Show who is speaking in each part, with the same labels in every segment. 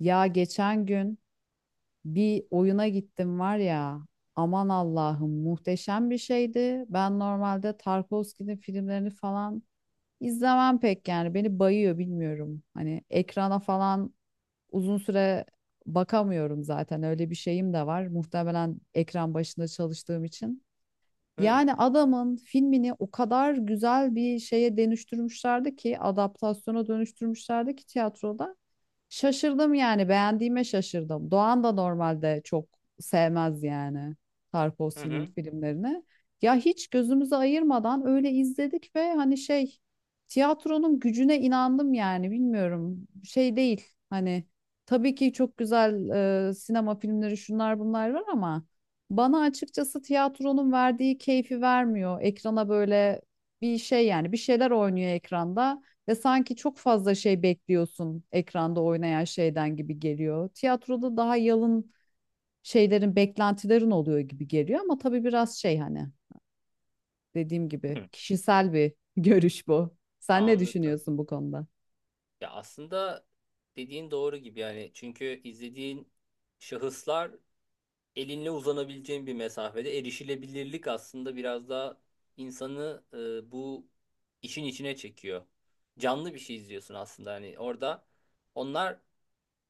Speaker 1: Ya geçen gün bir oyuna gittim var ya. Aman Allah'ım muhteşem bir şeydi. Ben normalde Tarkovski'nin filmlerini falan izlemem pek yani. Beni bayıyor bilmiyorum. Hani ekrana falan uzun süre bakamıyorum zaten. Öyle bir şeyim de var. Muhtemelen ekran başında çalıştığım için.
Speaker 2: Hmm.
Speaker 1: Yani adamın filmini o kadar güzel bir şeye dönüştürmüşlerdi ki, adaptasyona dönüştürmüşlerdi ki tiyatroda. Şaşırdım yani beğendiğime şaşırdım. Doğan da normalde çok sevmez yani
Speaker 2: Hı
Speaker 1: Tarkovski'nin
Speaker 2: hı.
Speaker 1: filmlerini. Ya hiç gözümüzü ayırmadan öyle izledik ve hani şey tiyatronun gücüne inandım yani bilmiyorum şey değil hani tabii ki çok güzel sinema filmleri şunlar bunlar var ama bana açıkçası tiyatronun verdiği keyfi vermiyor. Ekrana böyle bir şey yani bir şeyler oynuyor ekranda. Ve sanki çok fazla şey bekliyorsun ekranda oynayan şeyden gibi geliyor. Tiyatroda daha yalın şeylerin, beklentilerin oluyor gibi geliyor ama tabii biraz şey hani dediğim gibi
Speaker 2: Hı.
Speaker 1: kişisel bir görüş bu. Sen ne
Speaker 2: Anladım.
Speaker 1: düşünüyorsun bu konuda?
Speaker 2: Ya aslında dediğin doğru gibi, yani çünkü izlediğin şahıslar, elinle uzanabileceğin bir mesafede erişilebilirlik aslında biraz daha insanı, bu işin içine çekiyor. Canlı bir şey izliyorsun aslında, hani orada onlar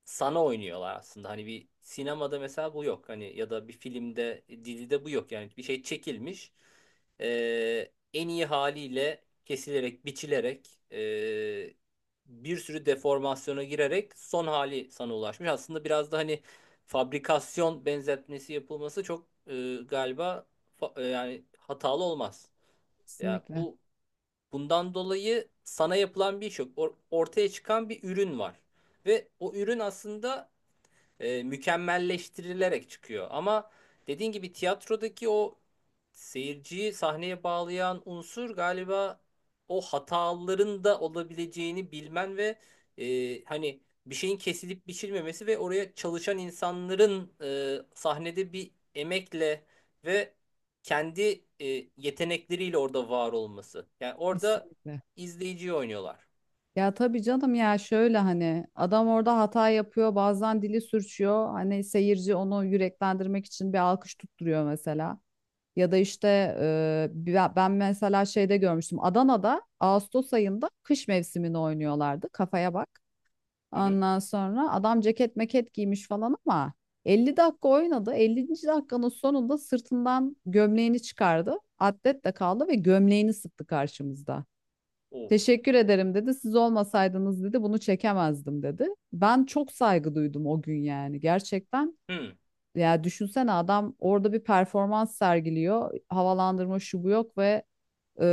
Speaker 2: sana oynuyorlar aslında. Hani bir sinemada mesela bu yok. Hani ya da bir filmde, dizide bu yok. Yani bir şey çekilmiş. En iyi haliyle kesilerek, biçilerek, bir sürü deformasyona girerek son hali sana ulaşmış. Aslında biraz da hani fabrikasyon benzetmesi yapılması çok, galiba yani hatalı olmaz. Ya
Speaker 1: Kesinlikle,
Speaker 2: bundan dolayı sana yapılan bir iş yok. Ortaya çıkan bir ürün var. Ve o ürün aslında mükemmelleştirilerek çıkıyor. Ama dediğin gibi tiyatrodaki o seyirciyi sahneye bağlayan unsur galiba o hataların da olabileceğini bilmen ve hani bir şeyin kesilip biçilmemesi ve oraya çalışan insanların sahnede bir emekle ve kendi yetenekleriyle orada var olması. Yani orada
Speaker 1: kesinlikle.
Speaker 2: izleyiciyi oynuyorlar.
Speaker 1: Ya tabii canım ya şöyle hani adam orada hata yapıyor, bazen dili sürçüyor. Hani seyirci onu yüreklendirmek için bir alkış tutturuyor mesela. Ya da işte ben mesela şeyde görmüştüm. Adana'da Ağustos ayında kış mevsimini oynuyorlardı. Kafaya bak.
Speaker 2: Hı hı.
Speaker 1: Ondan sonra adam ceket meket giymiş falan ama 50 dakika oynadı. 50. dakikanın sonunda sırtından gömleğini çıkardı. Atlet de kaldı ve gömleğini sıktı karşımızda.
Speaker 2: Of.
Speaker 1: Teşekkür ederim dedi. Siz olmasaydınız dedi bunu çekemezdim dedi. Ben çok saygı duydum o gün yani. Gerçekten
Speaker 2: Hı hı.
Speaker 1: ya düşünsene adam orada bir performans sergiliyor. Havalandırma şu bu yok ve e,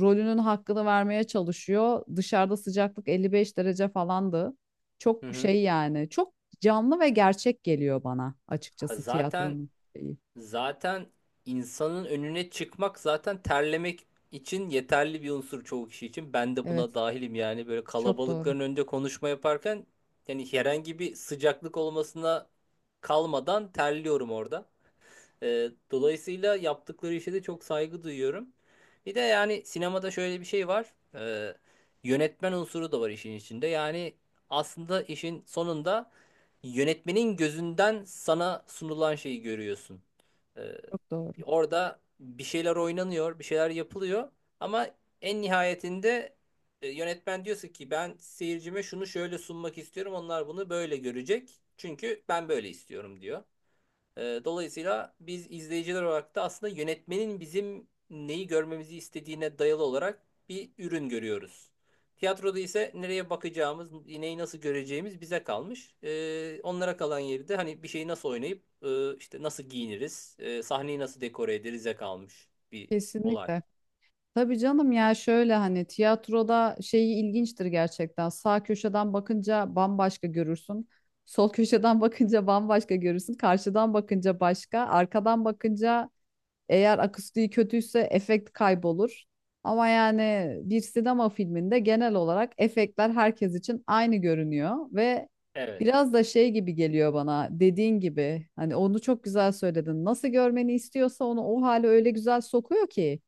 Speaker 1: rolünün hakkını vermeye çalışıyor. Dışarıda sıcaklık 55 derece falandı. Çok
Speaker 2: Hı.
Speaker 1: şey yani çok canlı ve gerçek geliyor bana
Speaker 2: Ha,
Speaker 1: açıkçası
Speaker 2: Zaten
Speaker 1: tiyatronun şeyi.
Speaker 2: Zaten insanın önüne çıkmak zaten terlemek için yeterli bir unsur çoğu kişi için. Ben de buna
Speaker 1: Evet
Speaker 2: dahilim, yani böyle
Speaker 1: çok doğru
Speaker 2: kalabalıkların önünde konuşma yaparken yani herhangi bir sıcaklık olmasına kalmadan terliyorum orada. Dolayısıyla yaptıkları işe de çok saygı duyuyorum. Bir de yani sinemada şöyle bir şey var. Yönetmen unsuru da var işin içinde. Yani aslında işin sonunda yönetmenin gözünden sana sunulan şeyi görüyorsun. Ee,
Speaker 1: çok doğru
Speaker 2: Orada bir şeyler oynanıyor, bir şeyler yapılıyor. Ama en nihayetinde yönetmen diyorsa ki ben seyircime şunu şöyle sunmak istiyorum. Onlar bunu böyle görecek. Çünkü ben böyle istiyorum diyor. Dolayısıyla biz izleyiciler olarak da aslında yönetmenin bizim neyi görmemizi istediğine dayalı olarak bir ürün görüyoruz. Tiyatroda ise nereye bakacağımız, neyi nasıl göreceğimiz bize kalmış. Onlara kalan yeri de hani bir şeyi nasıl oynayıp işte nasıl giyiniriz, sahneyi nasıl dekore ederize kalmış bir olay.
Speaker 1: kesinlikle. Tabii canım ya şöyle hani tiyatroda şeyi ilginçtir gerçekten. Sağ köşeden bakınca bambaşka görürsün. Sol köşeden bakınca bambaşka görürsün. Karşıdan bakınca başka. Arkadan bakınca eğer akustiği kötüyse efekt kaybolur. Ama yani bir sinema filminde genel olarak efektler herkes için aynı görünüyor ve
Speaker 2: Evet,
Speaker 1: biraz da şey gibi geliyor bana dediğin gibi hani onu çok güzel söyledin. Nasıl görmeni istiyorsa onu o hale öyle güzel sokuyor ki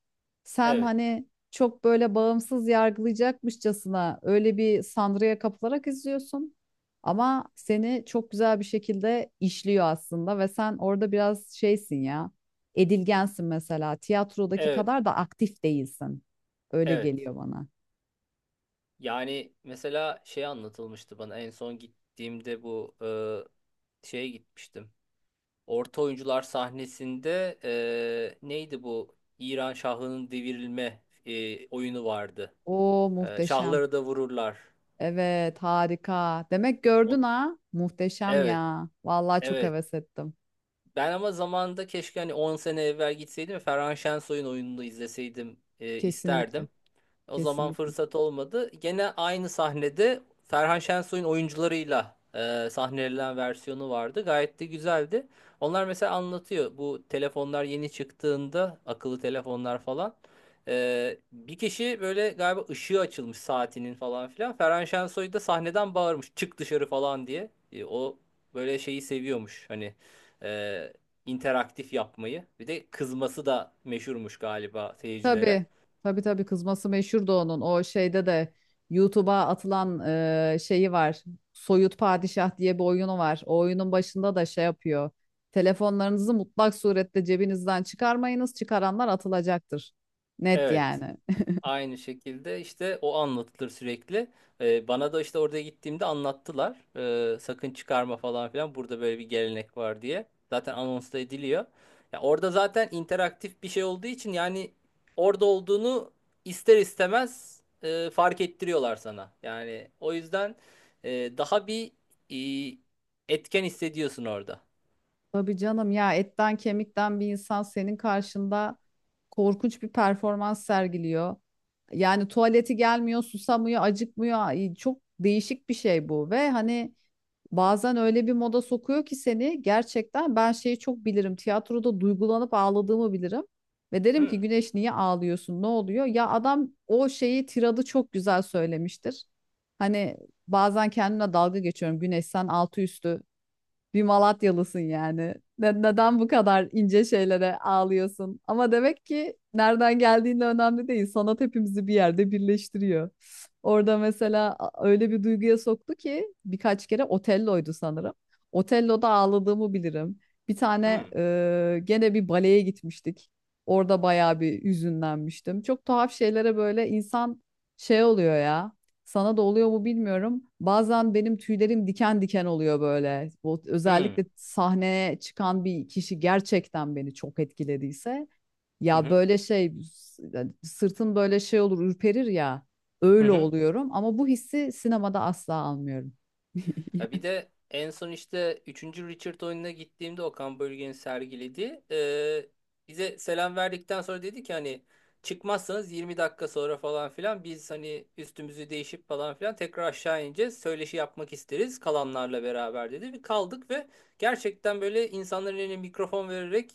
Speaker 1: sen
Speaker 2: evet,
Speaker 1: hani çok böyle bağımsız yargılayacakmışçasına öyle bir sanrıya kapılarak izliyorsun. Ama seni çok güzel bir şekilde işliyor aslında ve sen orada biraz şeysin ya edilgensin mesela. Tiyatrodaki
Speaker 2: evet,
Speaker 1: kadar da aktif değilsin. Öyle
Speaker 2: evet.
Speaker 1: geliyor bana.
Speaker 2: Yani mesela şey anlatılmıştı bana en son gittiğimde bu, şeye gitmiştim. Orta oyuncular sahnesinde, neydi bu? İran şahının devirilme, oyunu vardı.
Speaker 1: O muhteşem.
Speaker 2: Şahları da vururlar.
Speaker 1: Evet, harika. Demek
Speaker 2: O-
Speaker 1: gördün ha? Muhteşem
Speaker 2: evet,
Speaker 1: ya. Vallahi çok
Speaker 2: evet.
Speaker 1: heves ettim.
Speaker 2: Ben ama zamanında keşke hani 10 sene evvel gitseydim ve Ferhan Şensoy'un oyununu izleseydim
Speaker 1: Kesinlikle.
Speaker 2: isterdim. O zaman
Speaker 1: Kesinlikle.
Speaker 2: fırsat olmadı. Gene aynı sahnede Ferhan Şensoy'un oyuncularıyla sahnelenen versiyonu vardı. Gayet de güzeldi. Onlar mesela anlatıyor. Bu telefonlar yeni çıktığında akıllı telefonlar falan. Bir kişi böyle galiba ışığı açılmış saatinin falan filan. Ferhan Şensoy da sahneden bağırmış. Çık dışarı falan diye. O böyle şeyi seviyormuş. Hani e, interaktif yapmayı. Bir de kızması da meşhurmuş galiba seyircilere.
Speaker 1: Tabii. Tabii tabii kızması meşhurdu onun. O şeyde de YouTube'a atılan şeyi var. Soyut Padişah diye bir oyunu var. O oyunun başında da şey yapıyor. Telefonlarınızı mutlak surette cebinizden çıkarmayınız. Çıkaranlar atılacaktır. Net
Speaker 2: Evet.
Speaker 1: yani.
Speaker 2: Aynı şekilde işte o anlatılır sürekli. Bana da işte orada gittiğimde anlattılar. Sakın çıkarma falan filan. Burada böyle bir gelenek var diye. Zaten anons da ediliyor. Ya orada zaten interaktif bir şey olduğu için yani orada olduğunu ister istemez fark ettiriyorlar sana. Yani o yüzden daha bir etken hissediyorsun orada.
Speaker 1: Tabii canım ya etten kemikten bir insan senin karşında korkunç bir performans sergiliyor. Yani tuvaleti gelmiyor, susamıyor, acıkmıyor. Ay, çok değişik bir şey bu ve hani bazen öyle bir moda sokuyor ki seni gerçekten ben şeyi çok bilirim. Tiyatroda duygulanıp ağladığımı bilirim. Ve derim ki
Speaker 2: Hmm.
Speaker 1: Güneş niye ağlıyorsun? Ne oluyor? Ya adam o şeyi tiradı çok güzel söylemiştir. Hani bazen kendimle dalga geçiyorum. Güneş sen altı üstü bir Malatyalısın yani. Neden bu kadar ince şeylere ağlıyorsun? Ama demek ki nereden geldiğin de önemli değil. Sanat hepimizi bir yerde birleştiriyor. Orada mesela öyle bir duyguya soktu ki birkaç kere Otello'ydu sanırım. Otello'da ağladığımı bilirim. Bir tane
Speaker 2: Hmm.
Speaker 1: gene bir baleye gitmiştik. Orada bayağı bir hüzünlenmiştim. Çok tuhaf şeylere böyle insan şey oluyor ya. Sana da oluyor mu bilmiyorum. Bazen benim tüylerim diken diken oluyor böyle. O,
Speaker 2: Hmm.
Speaker 1: özellikle sahneye çıkan bir kişi gerçekten beni çok etkilediyse.
Speaker 2: Hı
Speaker 1: Ya
Speaker 2: hı.
Speaker 1: böyle şey yani sırtım böyle şey olur ürperir ya.
Speaker 2: Hı
Speaker 1: Öyle
Speaker 2: hı.
Speaker 1: oluyorum ama bu hissi sinemada asla almıyorum.
Speaker 2: Ya bir de en son işte üçüncü Richard oyununa gittiğimde Okan Bölge'nin sergilediği, bize selam verdikten sonra dedi ki hani çıkmazsanız 20 dakika sonra falan filan biz hani üstümüzü değişip falan filan tekrar aşağı ineceğiz. Söyleşi yapmak isteriz kalanlarla beraber dedi. Bir kaldık ve gerçekten böyle insanların eline mikrofon vererek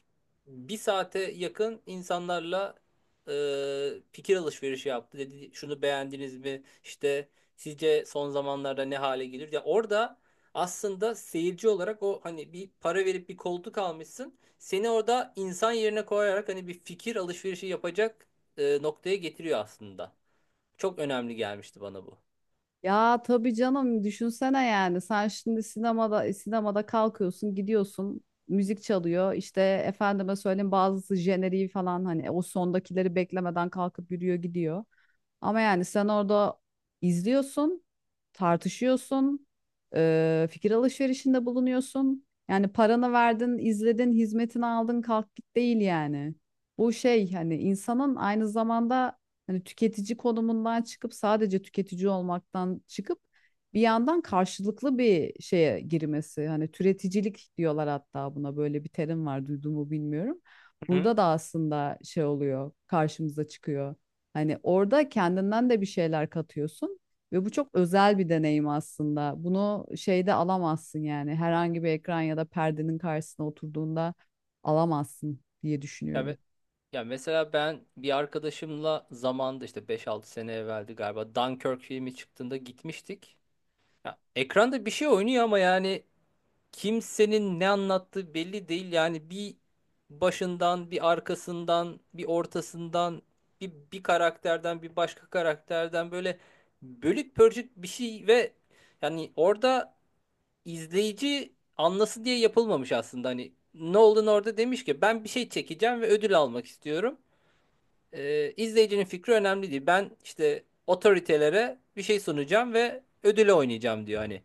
Speaker 2: bir saate yakın insanlarla fikir alışverişi yaptı. Dedi şunu beğendiniz mi? İşte sizce son zamanlarda ne hale gelir? Ya orada aslında seyirci olarak o hani bir para verip bir koltuk almışsın. Seni orada insan yerine koyarak hani bir fikir alışverişi yapacak noktaya getiriyor aslında. Çok önemli gelmişti bana bu.
Speaker 1: Ya tabii canım düşünsene yani sen şimdi sinemada sinemada kalkıyorsun gidiyorsun müzik çalıyor işte efendime söyleyeyim bazısı jeneriği falan hani o sondakileri beklemeden kalkıp yürüyor gidiyor. Ama yani sen orada izliyorsun, tartışıyorsun, fikir alışverişinde bulunuyorsun. Yani paranı verdin, izledin, hizmetini aldın, kalk git değil yani. Bu şey hani insanın aynı zamanda hani tüketici konumundan çıkıp sadece tüketici olmaktan çıkıp bir yandan karşılıklı bir şeye girmesi. Hani türeticilik diyorlar hatta buna böyle bir terim var duydun mu bilmiyorum.
Speaker 2: Hı?
Speaker 1: Burada da aslında şey oluyor, karşımıza çıkıyor. Hani orada kendinden de bir şeyler katıyorsun ve bu çok özel bir deneyim aslında. Bunu şeyde alamazsın yani herhangi bir ekran ya da perdenin karşısına oturduğunda alamazsın diye
Speaker 2: Ya, me-
Speaker 1: düşünüyorum.
Speaker 2: ya, mesela ben bir arkadaşımla zamanda işte beş altı sene evveldi galiba Dunkirk filmi çıktığında gitmiştik. Ya, ekranda bir şey oynuyor ama yani kimsenin ne anlattığı belli değil. Yani bir başından, bir arkasından, bir ortasından, bir karakterden, bir başka karakterden böyle bölük pörçük bir şey ve yani orada izleyici anlasın diye yapılmamış aslında. Hani Nolan orada demiş ki ben bir şey çekeceğim ve ödül almak istiyorum. İzleyicinin fikri önemli değil. Ben işte otoritelere bir şey sunacağım ve ödüle oynayacağım diyor hani.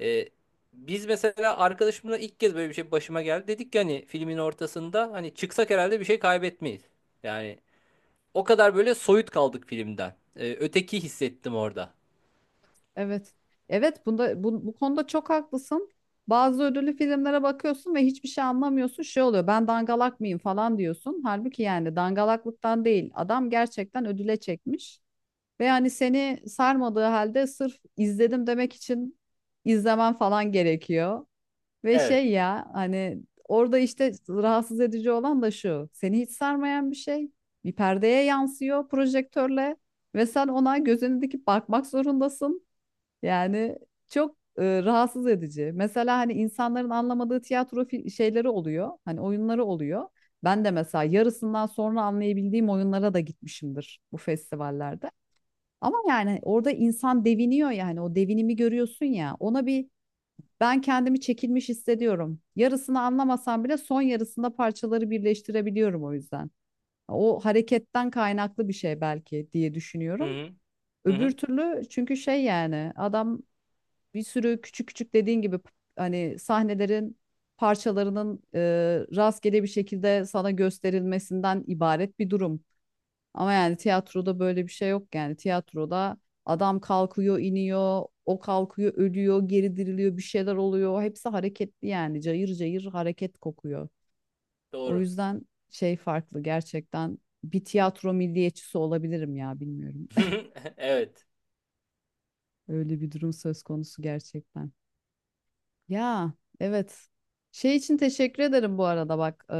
Speaker 2: E, Biz mesela arkadaşımla ilk kez böyle bir şey başıma geldi. Dedik ki hani filmin ortasında hani çıksak herhalde bir şey kaybetmeyiz. Yani o kadar böyle soyut kaldık filmden. Öteki hissettim orada.
Speaker 1: Evet. Evet bunda bu, bu konuda çok haklısın. Bazı ödüllü filmlere bakıyorsun ve hiçbir şey anlamıyorsun. Şey oluyor ben dangalak mıyım falan diyorsun. Halbuki yani dangalaklıktan değil. Adam gerçekten ödüle çekmiş. Ve hani seni sarmadığı halde sırf izledim demek için izlemen falan gerekiyor. Ve
Speaker 2: Evet.
Speaker 1: şey ya hani orada işte rahatsız edici olan da şu. Seni hiç sarmayan bir şey bir perdeye yansıyor projektörle ve sen ona gözünü dikip bakmak zorundasın. Yani çok rahatsız edici. Mesela hani insanların anlamadığı tiyatro şeyleri oluyor. Hani oyunları oluyor. Ben de mesela yarısından sonra anlayabildiğim oyunlara da gitmişimdir bu festivallerde. Ama yani orada insan deviniyor yani o devinimi görüyorsun ya ona bir ben kendimi çekilmiş hissediyorum. Yarısını anlamasam bile son yarısında parçaları birleştirebiliyorum o yüzden. O hareketten kaynaklı bir şey belki diye
Speaker 2: Hı
Speaker 1: düşünüyorum.
Speaker 2: hı. Hı
Speaker 1: Öbür
Speaker 2: hı.
Speaker 1: türlü çünkü şey yani adam bir sürü küçük küçük dediğin gibi hani sahnelerin parçalarının rastgele bir şekilde sana gösterilmesinden ibaret bir durum. Ama yani tiyatroda böyle bir şey yok yani. Tiyatroda adam kalkıyor, iniyor, o kalkıyor, ölüyor, geri diriliyor, bir şeyler oluyor. Hepsi hareketli yani. Cayır cayır hareket kokuyor. O
Speaker 2: Doğru.
Speaker 1: yüzden şey farklı gerçekten. Bir tiyatro milliyetçisi olabilirim ya bilmiyorum.
Speaker 2: Evet.
Speaker 1: Öyle bir durum söz konusu gerçekten. Ya evet. Şey için teşekkür ederim bu arada bak.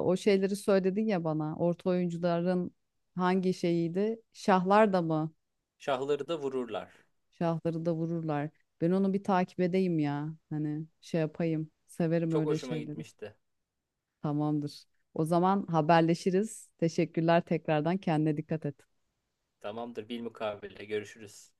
Speaker 1: O şeyleri söyledin ya bana. Orta oyuncuların hangi şeyiydi? Şahlar da mı?
Speaker 2: Şahları da vururlar.
Speaker 1: Şahları da vururlar. Ben onu bir takip edeyim ya. Hani şey yapayım. Severim
Speaker 2: Çok
Speaker 1: öyle
Speaker 2: hoşuma
Speaker 1: şeyleri.
Speaker 2: gitmişti.
Speaker 1: Tamamdır. O zaman haberleşiriz. Teşekkürler tekrardan. Kendine dikkat et.
Speaker 2: Tamamdır, bilmukabele görüşürüz.